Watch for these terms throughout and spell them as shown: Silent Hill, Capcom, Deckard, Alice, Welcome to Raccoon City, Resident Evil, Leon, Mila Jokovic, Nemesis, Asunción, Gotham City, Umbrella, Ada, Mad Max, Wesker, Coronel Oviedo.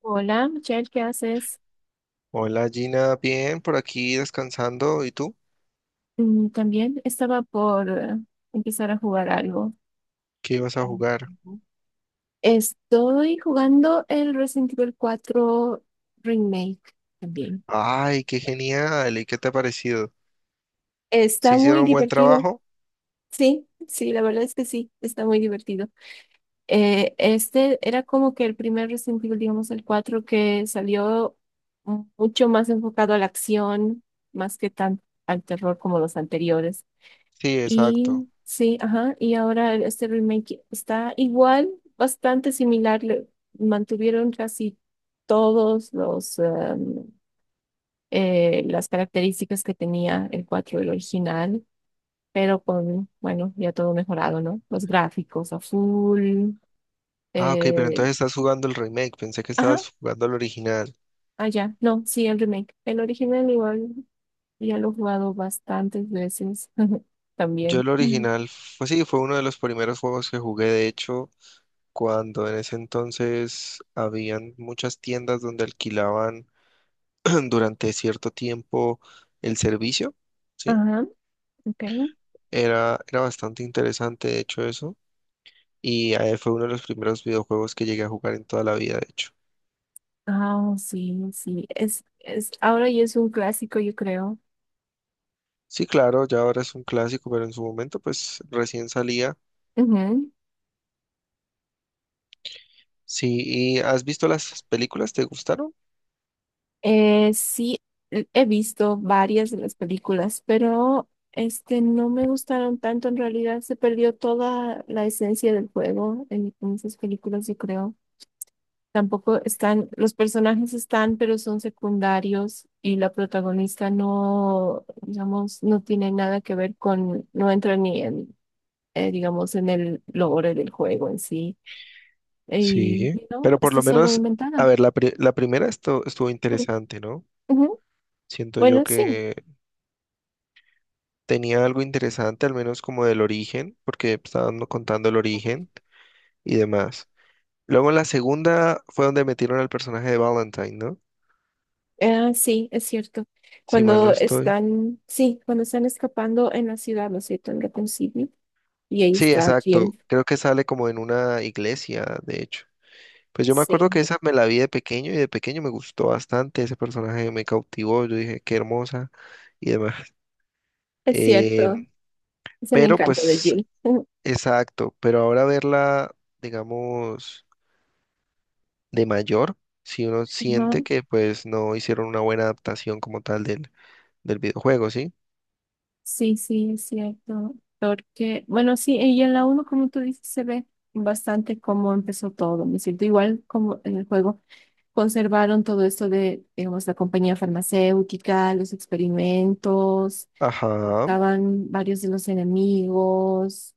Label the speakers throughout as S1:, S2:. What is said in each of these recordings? S1: Hola, Michelle, ¿qué haces?
S2: Hola Gina, bien, por aquí descansando. ¿Y tú?
S1: También estaba por empezar a jugar algo.
S2: ¿Qué ibas a jugar?
S1: Ujú. Estoy jugando el Resident Evil 4 Remake también.
S2: Ay, qué genial. ¿Y qué te ha parecido? ¿Sí
S1: Está muy
S2: hicieron buen
S1: divertido.
S2: trabajo?
S1: Sí, sí, la verdad es que sí, está muy divertido. Este era como que el primer Resident Evil, digamos el 4 que salió mucho más enfocado a la acción, más que tan al terror como los anteriores.
S2: Sí,
S1: Y
S2: exacto.
S1: sí, ajá, y ahora este remake está igual, bastante similar, mantuvieron casi todos los las características que tenía el 4 el original, pero con, bueno, ya todo mejorado, ¿no? Los gráficos a full,
S2: Ah, ok, pero
S1: eh,
S2: entonces estás jugando el remake. Pensé que
S1: ajá,
S2: estabas jugando el original.
S1: allá, no, sí, el remake. El original igual ya lo he jugado bastantes veces
S2: Yo
S1: también.
S2: el
S1: Ujú.
S2: original, pues sí, fue uno de los primeros juegos que jugué, de hecho, cuando en ese entonces habían muchas tiendas donde alquilaban durante cierto tiempo el servicio, ¿sí?
S1: Ajá, ok.
S2: Era bastante interesante, de hecho, eso. Y fue uno de los primeros videojuegos que llegué a jugar en toda la vida, de hecho.
S1: Ah, sí, sí. Ahora ya es un clásico, yo creo.
S2: Sí, claro, ya ahora es un clásico, pero en su momento pues recién salía.
S1: Ujú.
S2: Sí, ¿y has visto las películas? ¿Te gustaron?
S1: Sí, he visto varias de las películas, pero este no me gustaron tanto. En realidad se perdió toda la esencia del juego en esas películas, yo creo. Tampoco están, los personajes están, pero son secundarios y la protagonista no, digamos, no tiene nada que ver con, no entra ni en, digamos, en el lore del juego en sí. Y
S2: Sí,
S1: y no,
S2: pero por
S1: está
S2: lo
S1: solo
S2: menos, a
S1: inventada.
S2: ver, la primera esto estuvo
S1: Mm,
S2: interesante, ¿no?
S1: ujú.
S2: Siento yo
S1: Bueno, sí.
S2: que tenía algo interesante, al menos como del origen, porque estaban no contando el origen y demás. Luego en la segunda fue donde metieron al personaje de Valentine, ¿no?
S1: Ah, sí, es cierto.
S2: Si mal no
S1: Cuando
S2: estoy.
S1: están, sí, cuando están escapando en la ciudad, ¿no es cierto? En Gotham City. Y ahí
S2: Sí,
S1: está
S2: exacto.
S1: Jill.
S2: Creo que sale como en una iglesia, de hecho. Pues yo me acuerdo que
S1: Sí,
S2: esa me la vi de pequeño y de pequeño me gustó bastante. Ese personaje me cautivó. Yo dije, qué hermosa y demás.
S1: es cierto.
S2: Eh,
S1: Es el
S2: pero
S1: encanto de
S2: pues,
S1: Jill. Ujú.
S2: exacto. Pero ahora verla, digamos, de mayor, si uno
S1: Ajá.
S2: siente que pues no hicieron una buena adaptación como tal del, del videojuego, ¿sí?
S1: Sí, sí, es cierto. Porque, bueno, sí, y en la uno como tú dices, se ve bastante cómo empezó todo, ¿no es cierto? Igual como en el juego. Conservaron todo esto de, digamos, la compañía farmacéutica, los experimentos,
S2: Ajá.
S1: estaban varios de los enemigos.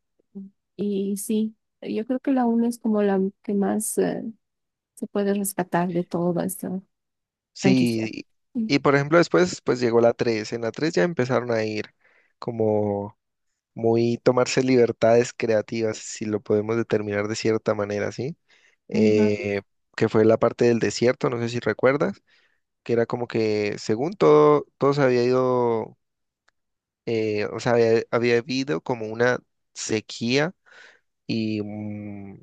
S1: Y sí, yo creo que la una es como la que más se puede rescatar de toda esta franquicia.
S2: Sí.
S1: Mm,
S2: Y por ejemplo, después pues llegó la 3. En la 3 ya empezaron a ir como muy tomarse libertades creativas, si lo podemos determinar de cierta manera, ¿sí?
S1: ajá.
S2: Eh, que fue la parte del desierto, no sé si recuerdas, que era como que según todo, todo se había ido, o sea, había habido como una sequía y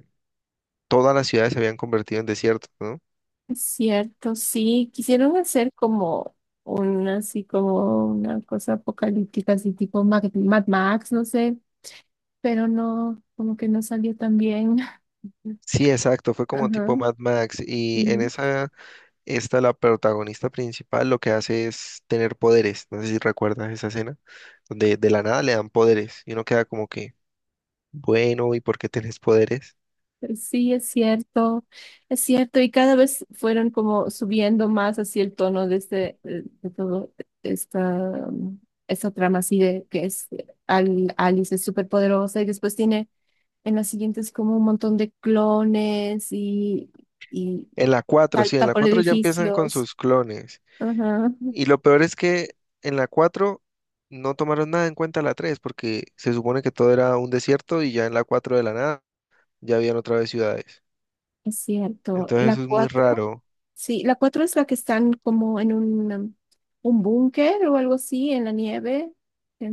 S2: todas las ciudades se habían convertido en desiertos, ¿no?
S1: Es cierto, sí, quisieron hacer como una, así como una cosa apocalíptica, así tipo Mad Max, no sé, pero no, como que no salió tan bien.
S2: Sí, exacto, fue como
S1: Ajá.
S2: tipo Mad Max y en
S1: Ujú.
S2: esa esta, la protagonista principal, lo que hace es tener poderes. No sé si recuerdas esa escena, donde de la nada le dan poderes y uno queda como que, bueno, ¿y por qué tenés poderes?
S1: Sí, es cierto, y cada vez fueron como subiendo más así el tono de este, de todo esta, um, esta trama así de que es Alice es súper poderosa y después tiene en las siguientes como un montón de clones y
S2: En la cuatro sí, en
S1: salta
S2: la
S1: por
S2: 4 ya empiezan con
S1: edificios.
S2: sus clones.
S1: Ajá.
S2: Y lo peor es que en la 4 no tomaron nada en cuenta la 3 porque se supone que todo era un desierto y ya en la 4 de la nada ya habían otra vez ciudades.
S1: Es cierto,
S2: Entonces
S1: la
S2: eso es muy
S1: 4
S2: raro.
S1: sí, la 4 es la que están como en un, un búnker o algo así, en la nieve,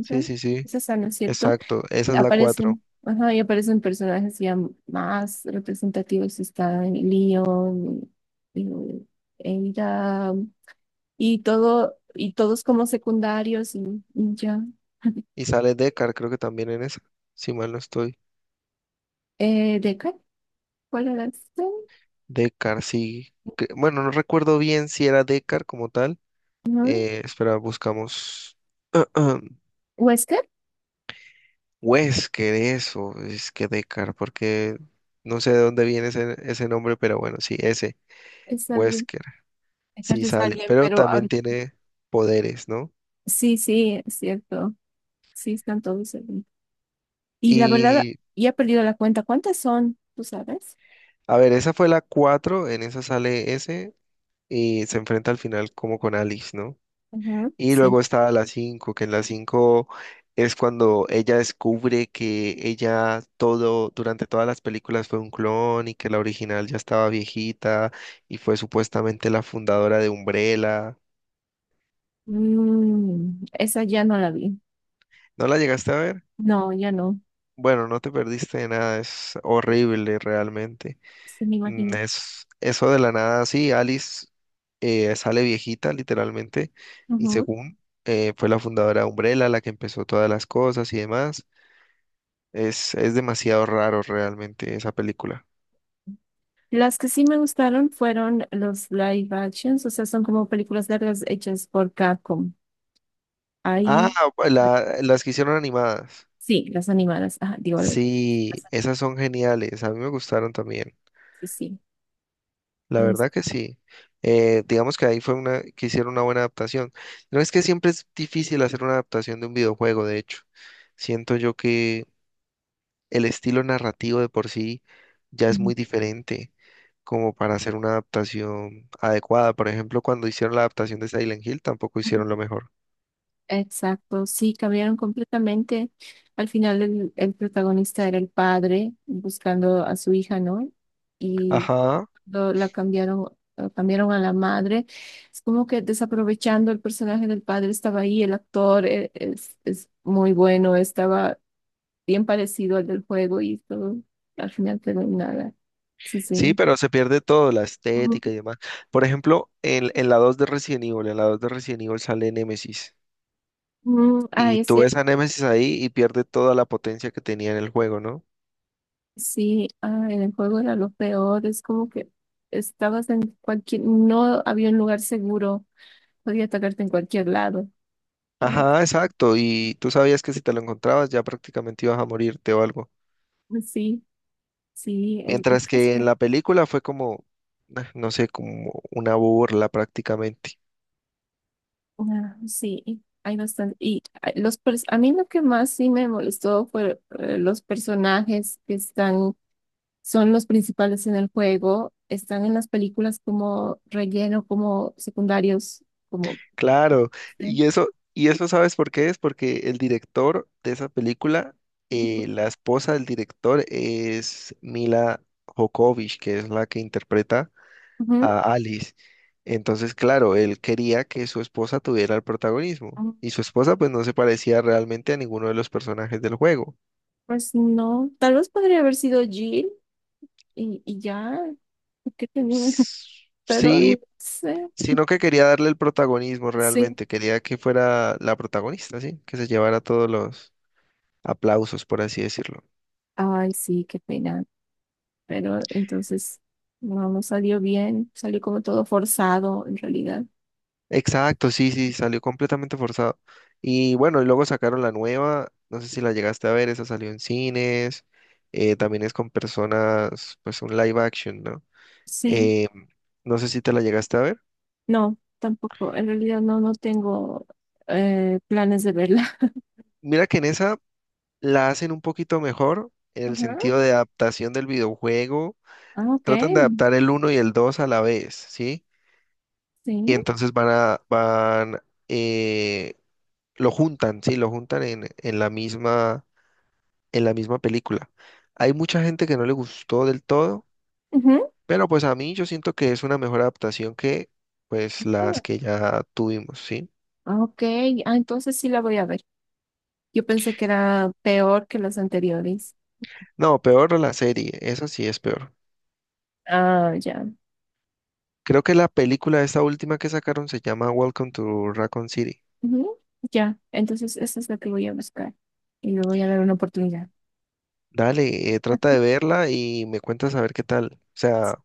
S2: Sí, sí, sí,
S1: esa es, ¿no es cierto?
S2: exacto. Esa es la cuatro.
S1: Aparecen, ajá, y aparecen personajes ya más representativos, está Leon, y Ada, y todo, y todos como secundarios, y ya.
S2: Y sale Deckard, creo que también en esa, si mal no estoy.
S1: ¿Deckard? ¿Cuál era este?
S2: Decar, sí, que- bueno, no recuerdo bien si era Decar como tal.
S1: ¿No?
S2: Espera, buscamos.
S1: ¿Wesker?
S2: Wesker, eso, es que Decar, porque no sé de dónde viene ese nombre, pero bueno, sí, ese,
S1: Es alguien,
S2: Wesker,
S1: Deckard
S2: sí
S1: es
S2: sale,
S1: alguien,
S2: pero
S1: pero
S2: también
S1: ahorita
S2: tiene poderes, ¿no?
S1: sí, sí, es cierto. Sí, están todos ahí. Y la verdad,
S2: Y,
S1: ya he perdido la cuenta. ¿Cuántas son? ¿Tú sabes?
S2: a ver, esa fue la cuatro, en esa sale ese y se enfrenta al final como con Alice, ¿no?
S1: Ajá,
S2: Y
S1: sí.
S2: luego está la cinco, que en la 5 es cuando ella descubre que ella todo, durante todas las películas fue un clon y que la original ya estaba viejita y fue supuestamente la fundadora de Umbrella.
S1: Mm, esa ya no la vi.
S2: ¿No la llegaste a ver?
S1: No, ya no.
S2: Bueno, no te perdiste de nada, es horrible realmente.
S1: Sí, me imagino.
S2: Es eso, de la nada, sí, Alice sale viejita literalmente y
S1: Ujú.
S2: según fue la fundadora de Umbrella, la que empezó todas las cosas y demás. Es demasiado raro realmente esa película.
S1: Las que sí me gustaron fueron los live actions, o sea, son como películas largas hechas por Capcom.
S2: Ah,
S1: Ahí,
S2: las que hicieron animadas.
S1: sí, las animadas. Ajá, sí,
S2: Sí, esas son geniales. A mí me gustaron también.
S1: sí, sí.
S2: La
S1: Es-
S2: verdad que sí. Digamos que ahí fue una que hicieron una buena adaptación. No es que siempre es difícil hacer una adaptación de un videojuego, de hecho. Siento yo que el estilo narrativo de por sí ya es muy diferente como para hacer una adaptación adecuada. Por ejemplo, cuando hicieron la adaptación de Silent Hill, tampoco
S1: Ujú.
S2: hicieron lo mejor.
S1: Exacto, sí, cambiaron completamente. Al final el protagonista era el padre buscando a su hija, ¿no? Y
S2: Ajá.
S1: la cambiaron, lo cambiaron a la madre. Es como que desaprovechando el personaje del padre, estaba ahí, el es muy bueno, estaba bien parecido al del juego y todo, al final quedó en nada. Sí,
S2: Sí,
S1: sí.
S2: pero se pierde todo, la
S1: Ujú.
S2: estética y demás. Por ejemplo, en la 2 de Resident Evil, en la 2 de Resident Evil sale Nemesis.
S1: Mm, ah,
S2: Y
S1: es
S2: tú ves
S1: cierto.
S2: a Nemesis ahí y pierde toda la potencia que tenía en el juego, ¿no?
S1: Sí, ah, en el juego era lo peor, es como que estabas en cualquier, no había un lugar seguro, podía atacarte en cualquier lado.
S2: Ajá, exacto. Y tú sabías que si te lo encontrabas ya prácticamente ibas a morirte o algo.
S1: Sí, sí, el
S2: Mientras que
S1: precio,
S2: en la película fue como, ah, no sé, como una burla prácticamente.
S1: ah, sí, hay bastante. Y ah, a mí lo que más sí me molestó fue los personajes que están, son los principales en el juego, están en las películas como relleno, como secundarios, como...
S2: Claro,
S1: ¿eh?
S2: y eso, y eso sabes por qué es, porque el director de esa película,
S1: Ujú,
S2: la esposa del director es Mila Jokovic, que es la que interpreta a Alice. Entonces, claro, él quería que su esposa tuviera el protagonismo,
S1: ujú.
S2: y su esposa pues no se parecía realmente a ninguno de los personajes del juego.
S1: Pues no, tal vez podría haber sido Jill y ya, porque tenía,
S2: S-
S1: pero
S2: Sí,
S1: no sé,
S2: sino que quería darle el protagonismo
S1: sí,
S2: realmente, quería que fuera la protagonista, ¿sí? Que se llevara todos los aplausos, por así decirlo.
S1: ay, sí, qué pena, pero entonces no, no salió bien, salió como todo forzado en realidad,
S2: Exacto, sí, sí, salió completamente forzado. Y bueno, y luego sacaron la nueva, no sé si la llegaste a ver, esa salió en cines, también es con personas, pues un live action, ¿no?
S1: sí,
S2: Eh, no sé si te la llegaste a ver.
S1: no, tampoco, en realidad no, no tengo planes de verla.
S2: Mira que en esa la hacen un poquito mejor en el
S1: Ajá.
S2: sentido de adaptación del videojuego,
S1: Ah, ok,
S2: tratan de adaptar el uno y el 2 a la vez, ¿sí? Y
S1: sí,
S2: entonces van, eh, lo juntan, sí, lo juntan en la misma, en la misma película. Hay mucha gente que no le gustó del todo,
S1: ujú.
S2: pero pues a mí yo siento que es una mejor adaptación que pues las que ya tuvimos, ¿sí?
S1: Ah, ok, ah, entonces sí la voy a ver, yo pensé que era peor que las anteriores,
S2: No, peor la serie, esa sí es peor.
S1: ah, ya.
S2: Creo que la película esta última que sacaron se llama Welcome to Raccoon City.
S1: Ujú, ya, entonces eso es lo que voy a buscar y le voy a dar una oportunidad.
S2: Dale, trata de verla y me cuentas a ver qué tal. O sea,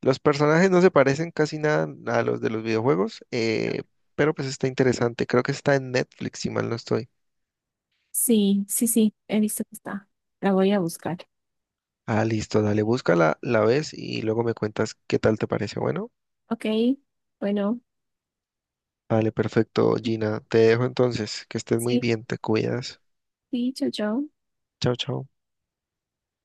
S2: los personajes no se parecen casi nada a los de los videojuegos, pero pues está interesante. Creo que está en Netflix, si mal no estoy.
S1: Sí, sí, sí, he visto que está. La voy a buscar.
S2: Ah, listo, dale, búscala, la ves y luego me cuentas qué tal te parece. Bueno,
S1: Ok, bueno,
S2: dale, perfecto, Gina. Te dejo entonces, que estés muy
S1: sí,
S2: bien, te cuidas.
S1: sí, chao, chao.
S2: Chao, chao.